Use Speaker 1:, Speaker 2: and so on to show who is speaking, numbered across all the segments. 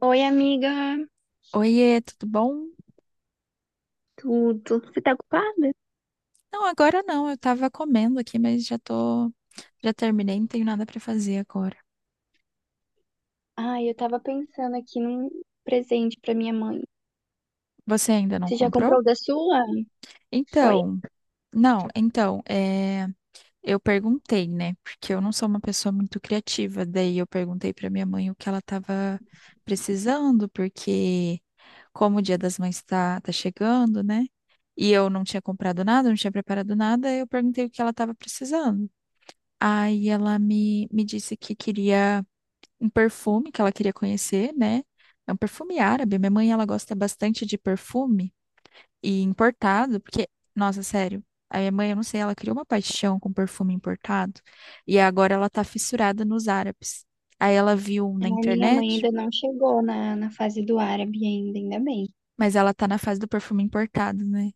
Speaker 1: Oi, amiga.
Speaker 2: Oiê, tudo bom?
Speaker 1: Tudo. Você tá ocupada?
Speaker 2: Não, agora não, eu tava comendo aqui, mas já tô, já terminei, não tenho nada pra fazer agora.
Speaker 1: Ai, eu tava pensando aqui num presente pra minha mãe.
Speaker 2: Você ainda não
Speaker 1: Você já
Speaker 2: comprou?
Speaker 1: comprou o da sua? Oi?
Speaker 2: Então, não, então, eu perguntei, né? Porque eu não sou uma pessoa muito criativa, daí eu perguntei pra minha mãe o que ela tava precisando, porque como o Dia das Mães tá chegando, né? E eu não tinha comprado nada, não tinha preparado nada, eu perguntei o que ela tava precisando. Aí ela me disse que queria um perfume que ela queria conhecer, né? É um perfume árabe. Minha mãe, ela gosta bastante de perfume e importado, porque, nossa, sério, a minha mãe, eu não sei, ela criou uma paixão com perfume importado e agora ela tá fissurada nos árabes. Aí ela viu um
Speaker 1: A
Speaker 2: na
Speaker 1: minha mãe
Speaker 2: internet,
Speaker 1: ainda não chegou na fase do árabe ainda, ainda bem.
Speaker 2: mas ela tá na fase do perfume importado, né?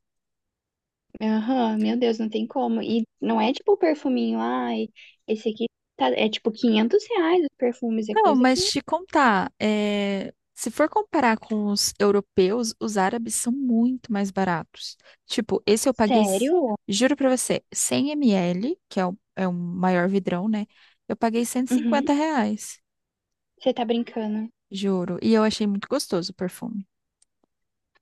Speaker 1: Aham, meu Deus, não tem como. E não é tipo o perfuminho, ai, esse aqui tá, é tipo R$ 500 os perfumes, é
Speaker 2: Não,
Speaker 1: coisa que...
Speaker 2: mas te contar, se for comparar com os europeus, os árabes são muito mais baratos. Tipo, esse eu paguei,
Speaker 1: Sério?
Speaker 2: juro pra você, 100 ml, que é é o maior vidrão, né? Eu paguei cento e
Speaker 1: Uhum,
Speaker 2: cinquenta reais,
Speaker 1: você tá brincando.
Speaker 2: juro. E eu achei muito gostoso o perfume.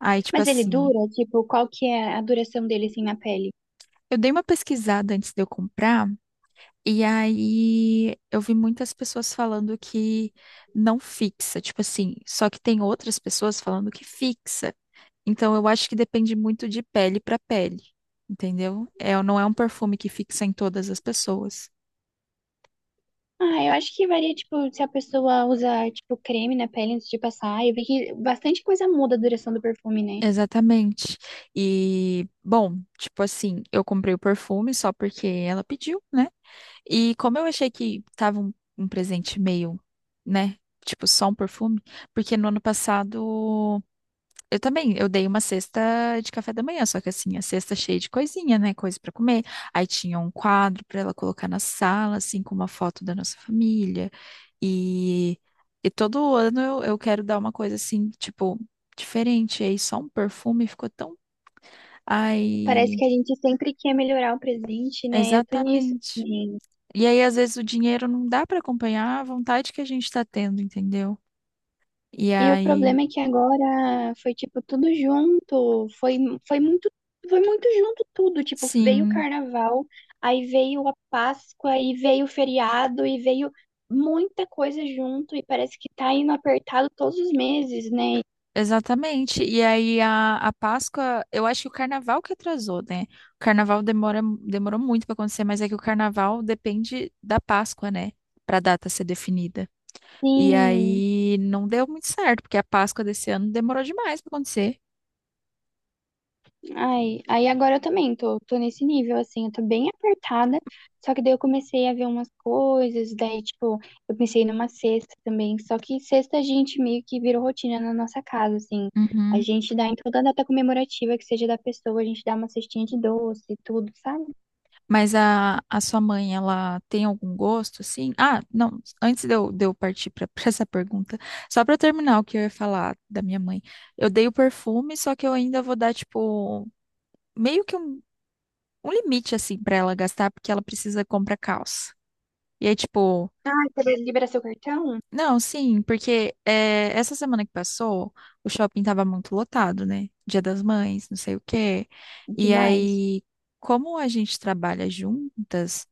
Speaker 2: Aí, tipo
Speaker 1: Mas ele
Speaker 2: assim,
Speaker 1: dura? Tipo, qual que é a duração dele assim na pele?
Speaker 2: eu dei uma pesquisada antes de eu comprar, e aí eu vi muitas pessoas falando que não fixa. Tipo assim, só que tem outras pessoas falando que fixa. Então, eu acho que depende muito de pele para pele, entendeu? É, não é um perfume que fixa em todas as pessoas.
Speaker 1: Ah, eu acho que varia, tipo, se a pessoa usa, tipo, creme na pele antes de passar. Eu vi que bastante coisa muda a duração do perfume, né?
Speaker 2: Exatamente. E, bom, tipo assim, eu comprei o perfume só porque ela pediu, né? E como eu achei que tava um presente meio, né? Tipo, só um perfume, porque no ano passado eu também, eu dei uma cesta de café da manhã, só que assim, a cesta cheia de coisinha, né? Coisa pra comer. Aí tinha um quadro pra ela colocar na sala, assim, com uma foto da nossa família. E, e todo ano eu quero dar uma coisa assim, tipo, diferente. E aí só um perfume ficou tão.
Speaker 1: Parece
Speaker 2: Aí,
Speaker 1: que a gente sempre quer melhorar o presente, né? Eu tô nisso.
Speaker 2: exatamente. E aí, às vezes, o dinheiro não dá pra acompanhar a vontade que a gente tá tendo, entendeu? E
Speaker 1: E o
Speaker 2: aí,
Speaker 1: problema é que agora foi tipo tudo junto, foi muito, foi muito junto tudo, tipo, veio o
Speaker 2: sim.
Speaker 1: carnaval, aí veio a Páscoa, e veio o feriado, e veio muita coisa junto, e parece que tá indo apertado todos os meses, né?
Speaker 2: Exatamente. E aí a Páscoa, eu acho que o carnaval que atrasou, né? O carnaval demorou muito para acontecer, mas é que o carnaval depende da Páscoa, né? Para a data ser definida. E
Speaker 1: Sim.
Speaker 2: aí não deu muito certo, porque a Páscoa desse ano demorou demais para acontecer.
Speaker 1: Ai, aí agora eu também tô nesse nível, assim, eu tô bem apertada, só que daí eu comecei a ver umas coisas, daí, tipo, eu pensei numa cesta também, só que cesta a gente meio que virou rotina na nossa casa, assim, a
Speaker 2: Uhum.
Speaker 1: gente dá em toda data comemorativa que seja da pessoa, a gente dá uma cestinha de doce e tudo, sabe?
Speaker 2: Mas a sua mãe, ela tem algum gosto, assim? Ah, não, antes de de eu partir para essa pergunta, só para terminar o que eu ia falar da minha mãe. Eu dei o perfume, só que eu ainda vou dar, tipo, meio que um um limite assim pra ela gastar, porque ela precisa comprar calça. E aí, tipo,
Speaker 1: Ah, você libera seu cartão?
Speaker 2: não, sim, porque essa semana que passou, o shopping tava muito lotado, né? Dia das Mães, não sei o quê. E
Speaker 1: Demais.
Speaker 2: aí, como a gente trabalha juntas,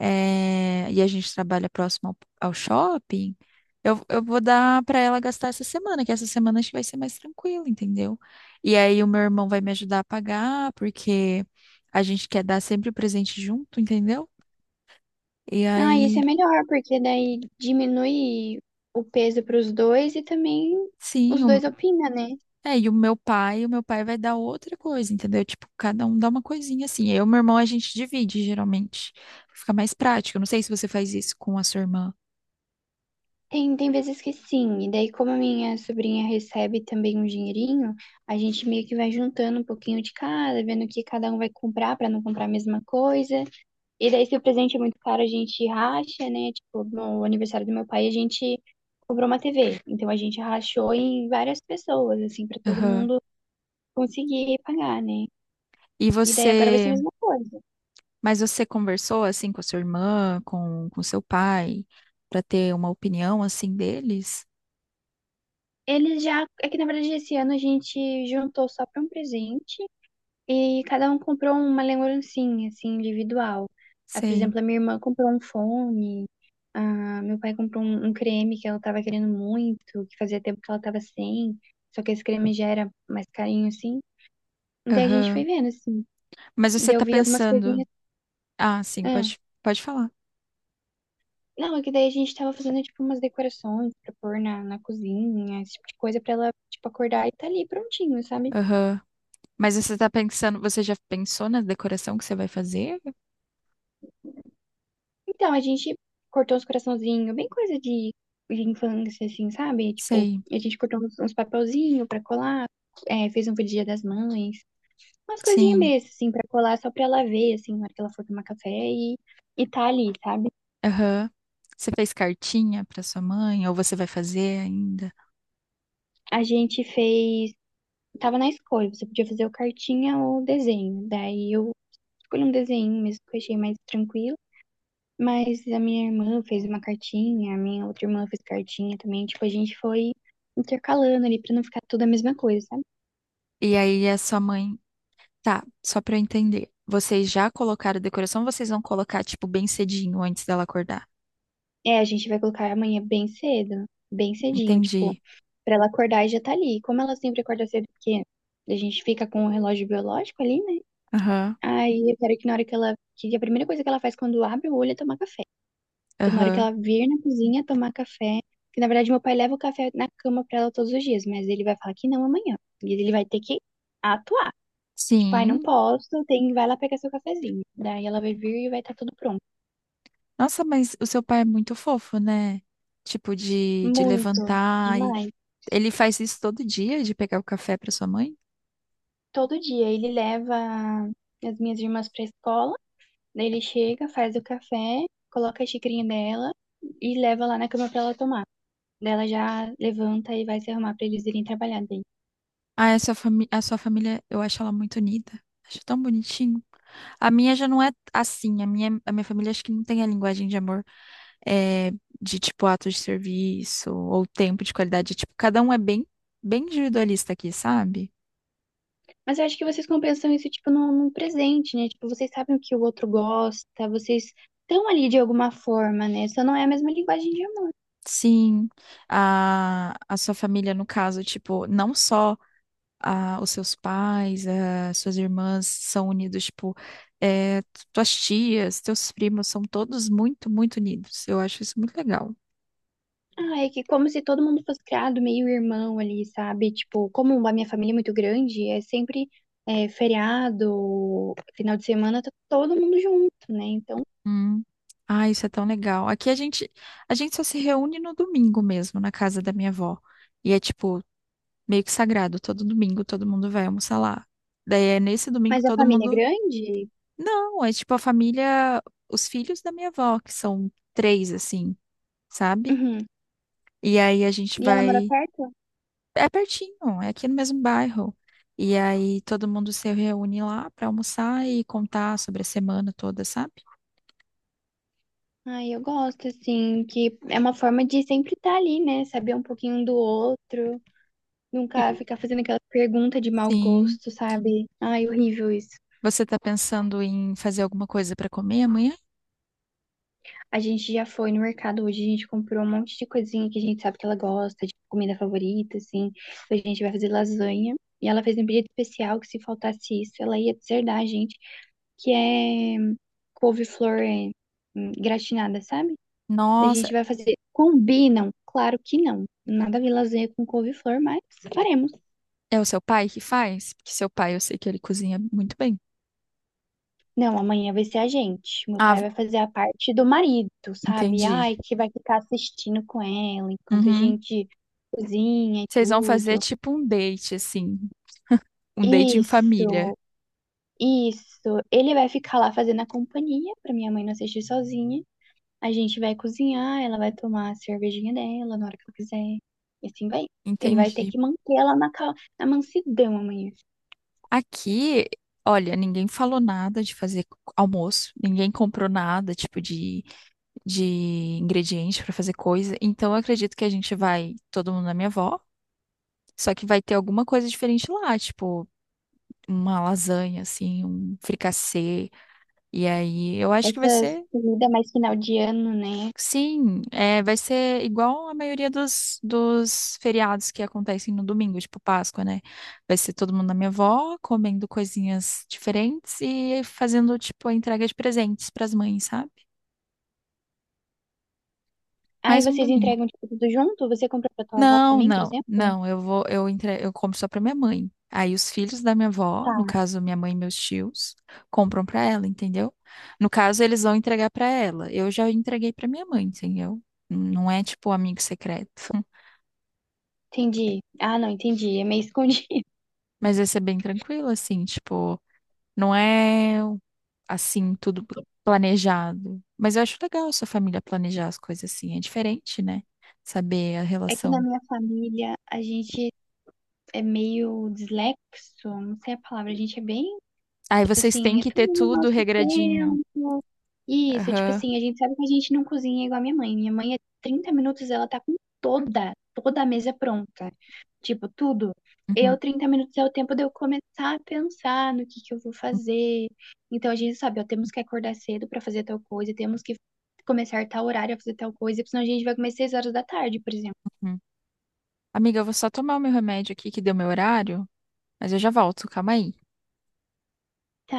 Speaker 2: e a gente trabalha próximo ao shopping, eu vou dar pra ela gastar essa semana, que essa semana acho que vai ser mais tranquilo, entendeu? E aí o meu irmão vai me ajudar a pagar, porque a gente quer dar sempre o presente junto, entendeu? E
Speaker 1: Ah, isso é
Speaker 2: aí,
Speaker 1: melhor, porque daí diminui o peso para os dois e também
Speaker 2: sim,
Speaker 1: os dois
Speaker 2: o-
Speaker 1: opinam, né?
Speaker 2: é, e o meu pai vai dar outra coisa, entendeu? Tipo, cada um dá uma coisinha assim. Eu e meu irmão a gente divide geralmente. Fica mais prático. Eu não sei se você faz isso com a sua irmã.
Speaker 1: Tem vezes que sim, e daí como a minha sobrinha recebe também um dinheirinho, a gente meio que vai juntando um pouquinho de cada, vendo o que cada um vai comprar para não comprar a mesma coisa. E daí se o presente é muito caro, a gente racha, né? Tipo, no aniversário do meu pai, a gente comprou uma TV. Então a gente rachou em várias pessoas, assim, para todo
Speaker 2: Aham.
Speaker 1: mundo conseguir pagar, né?
Speaker 2: E
Speaker 1: E daí agora vai ser a
Speaker 2: você,
Speaker 1: mesma coisa.
Speaker 2: mas você conversou assim com a sua irmã, com seu pai, pra ter uma opinião assim deles?
Speaker 1: Eles já, é que na verdade esse ano a gente juntou só para um presente. E cada um comprou uma lembrancinha, assim, individual. Ah, por
Speaker 2: Sei.
Speaker 1: exemplo, a minha irmã comprou um fone, ah, meu pai comprou um creme que ela tava querendo muito, que fazia tempo que ela tava sem, só que esse creme já era mais carinho, assim. E daí a gente foi
Speaker 2: Aham.
Speaker 1: vendo, assim.
Speaker 2: Mas você
Speaker 1: Daí eu
Speaker 2: tá
Speaker 1: vi algumas
Speaker 2: pensando,
Speaker 1: coisinhas.
Speaker 2: ah, sim,
Speaker 1: Ah,
Speaker 2: pode falar.
Speaker 1: não, é que daí a gente tava fazendo, tipo, umas decorações pra pôr na cozinha, esse tipo de coisa pra ela, tipo, acordar e tá ali prontinho, sabe?
Speaker 2: Aham. Mas você tá pensando, você já pensou na decoração que você vai fazer?
Speaker 1: Então, a gente cortou uns coraçãozinhos, bem coisa de infância, assim, sabe? Tipo,
Speaker 2: Sei.
Speaker 1: a gente cortou uns papelzinhos pra colar, fez um pro Dia das Mães, umas coisinhas
Speaker 2: Sim,
Speaker 1: mesmo, assim, pra colar só pra ela ver, assim, na hora que ela for tomar café e tá ali, sabe?
Speaker 2: aham. Você fez cartinha para sua mãe, ou você vai fazer ainda?
Speaker 1: A gente fez. Tava na escolha, você podia fazer o cartinha ou o desenho. Daí eu escolhi um desenho mesmo que eu achei mais tranquilo. Mas a minha irmã fez uma cartinha, a minha outra irmã fez cartinha também. Tipo, a gente foi intercalando ali pra não ficar tudo a mesma coisa, sabe?
Speaker 2: E aí a sua mãe, tá, só para eu entender. Vocês já colocaram decoração, ou vocês vão colocar tipo bem cedinho antes dela acordar?
Speaker 1: É, a gente vai colocar amanhã bem cedo, bem cedinho, tipo,
Speaker 2: Entendi.
Speaker 1: pra ela acordar e já tá ali. Como ela sempre acorda cedo, porque a gente fica com o relógio biológico ali, né?
Speaker 2: Aham,
Speaker 1: Aí eu quero que na hora que ela. Que a primeira coisa que ela faz quando abre o olho é tomar café. Então, na hora que
Speaker 2: aham.
Speaker 1: ela vir na cozinha tomar café. Que na verdade meu pai leva o café na cama pra ela todos os dias, mas ele vai falar que não amanhã. E ele vai ter que atuar. Tipo, ai, não
Speaker 2: Sim.
Speaker 1: posso, tem, vai lá pegar seu cafezinho. Daí ela vai vir e vai estar tudo pronto.
Speaker 2: Nossa, mas o seu pai é muito fofo, né? Tipo de
Speaker 1: Muito,
Speaker 2: levantar e
Speaker 1: demais.
Speaker 2: ele faz isso todo dia de pegar o café para sua mãe?
Speaker 1: Todo dia ele leva as minhas irmãs pra escola, daí ele chega, faz o café, coloca a xicrinha dela e leva lá na cama pra ela tomar. Daí ela já levanta e vai se arrumar pra eles irem trabalhar daí.
Speaker 2: Ah, a sua fami... a sua família, eu acho ela muito unida. Acho tão bonitinho. A minha já não é assim. A minha família acho que não tem a linguagem de amor é, de tipo ato de serviço ou tempo de qualidade. Tipo, cada um é bem, bem individualista aqui, sabe?
Speaker 1: Mas eu acho que vocês compensam isso, tipo, num presente, né? Tipo, vocês sabem o que o outro gosta, vocês estão ali de alguma forma, né? Só não é a mesma linguagem de.
Speaker 2: Sim, a sua família, no caso, tipo, não só os seus pais, as suas irmãs são unidos, tipo, é, tuas tias, teus primos são todos muito unidos. Eu acho isso muito legal.
Speaker 1: Ah, é que como se todo mundo fosse criado meio irmão ali, sabe? Tipo, como a minha família é muito grande, é sempre feriado, final de semana, tá todo mundo junto, né? Então,
Speaker 2: Hum. Ah, isso é tão legal. Aqui a gente só se reúne no domingo mesmo, na casa da minha avó. E é tipo, meio que sagrado. Todo domingo todo mundo vai almoçar lá. Daí é nesse domingo
Speaker 1: mas a
Speaker 2: todo
Speaker 1: família é
Speaker 2: mundo.
Speaker 1: grande?
Speaker 2: Não, é tipo a família, os filhos da minha avó, que são três, assim, sabe?
Speaker 1: Uhum.
Speaker 2: E aí a gente
Speaker 1: E ela mora
Speaker 2: vai.
Speaker 1: perto?
Speaker 2: É pertinho, é aqui no mesmo bairro. E aí todo mundo se reúne lá pra almoçar e contar sobre a semana toda, sabe?
Speaker 1: Ai, eu gosto, assim, que é uma forma de sempre estar ali, né? Saber um pouquinho um do outro, nunca
Speaker 2: E-
Speaker 1: ficar fazendo aquela pergunta de mau
Speaker 2: Sim.
Speaker 1: gosto, sabe? Ai, horrível isso.
Speaker 2: Você está pensando em fazer alguma coisa para comer amanhã?
Speaker 1: A gente já foi no mercado hoje, a gente comprou um monte de coisinha que a gente sabe que ela gosta, de comida favorita, assim. Hoje a gente vai fazer lasanha. E ela fez um pedido especial que se faltasse isso, ela ia deserdar a gente, que é couve-flor gratinada, sabe? Daí a
Speaker 2: Nossa,
Speaker 1: gente vai fazer. Combinam? Claro que não. Nada a ver lasanha com couve-flor, mas faremos.
Speaker 2: é o seu pai que faz? Porque seu pai, eu sei que ele cozinha muito bem.
Speaker 1: Não, amanhã vai ser a gente. Meu
Speaker 2: Ah,
Speaker 1: pai vai fazer a parte do marido, sabe?
Speaker 2: entendi.
Speaker 1: Ai, que vai ficar assistindo com ela enquanto a
Speaker 2: Uhum.
Speaker 1: gente cozinha e
Speaker 2: Vocês vão fazer
Speaker 1: tudo.
Speaker 2: tipo um date, assim, um date em família.
Speaker 1: Isso, isso. Ele vai ficar lá fazendo a companhia pra minha mãe não assistir sozinha. A gente vai cozinhar, ela vai tomar a cervejinha dela na hora que ela quiser. E assim vai. Ele vai ter
Speaker 2: Entendi.
Speaker 1: que manter ela na, na mansidão amanhã.
Speaker 2: Aqui, olha, ninguém falou nada de fazer almoço, ninguém comprou nada, tipo de ingredientes para fazer coisa. Então, eu acredito que a gente vai, todo mundo na minha avó, só que vai ter alguma coisa diferente lá, tipo uma lasanha, assim, um fricassê. E aí, eu acho que vai
Speaker 1: Essas
Speaker 2: ser,
Speaker 1: comidas mais final de ano, né?
Speaker 2: sim, vai ser igual a maioria dos feriados que acontecem no domingo, tipo Páscoa, né? Vai ser todo mundo na minha avó, comendo coisinhas diferentes e fazendo, tipo, a entrega de presentes para as mães, sabe?
Speaker 1: Aí
Speaker 2: Mais um
Speaker 1: vocês
Speaker 2: domingo.
Speaker 1: entregam tipo, tudo junto? Você compra pra tua avó
Speaker 2: Não,
Speaker 1: também, por
Speaker 2: não,
Speaker 1: exemplo?
Speaker 2: não. Eu vou, eu entre, eu compro só pra minha mãe. Aí os filhos da minha avó, no
Speaker 1: Tá,
Speaker 2: caso minha mãe e meus tios, compram pra ela, entendeu? No caso eles vão entregar pra ela. Eu já entreguei pra minha mãe, entendeu? Não é tipo amigo secreto.
Speaker 1: entendi. Ah, não, entendi. É meio escondido.
Speaker 2: Mas esse é bem tranquilo, assim, tipo, não é assim tudo planejado. Mas eu acho legal sua família planejar as coisas assim, é diferente, né? Saber a
Speaker 1: É que na
Speaker 2: relação.
Speaker 1: minha família a gente é meio dislexo, não sei a palavra, a gente é bem,
Speaker 2: Aí
Speaker 1: tipo
Speaker 2: vocês têm
Speaker 1: assim, é
Speaker 2: que ter
Speaker 1: tudo no
Speaker 2: tudo
Speaker 1: nosso
Speaker 2: regradinho.
Speaker 1: tempo. Isso, tipo
Speaker 2: Aham.
Speaker 1: assim, a gente sabe que a gente não cozinha igual a minha mãe. Minha mãe, é 30 minutos, ela tá com toda a mesa pronta. Tipo, tudo.
Speaker 2: Uhum.
Speaker 1: Eu, 30 minutos é o tempo de eu começar a pensar no que eu vou fazer. Então, a gente sabe, ó, temos que acordar cedo pra fazer tal coisa, temos que começar tal horário a fazer tal coisa, porque senão a gente vai comer 6 horas da tarde, por exemplo.
Speaker 2: Uhum. Amiga, eu vou só tomar o meu remédio aqui que deu meu horário, mas eu já volto, calma aí.
Speaker 1: Tá,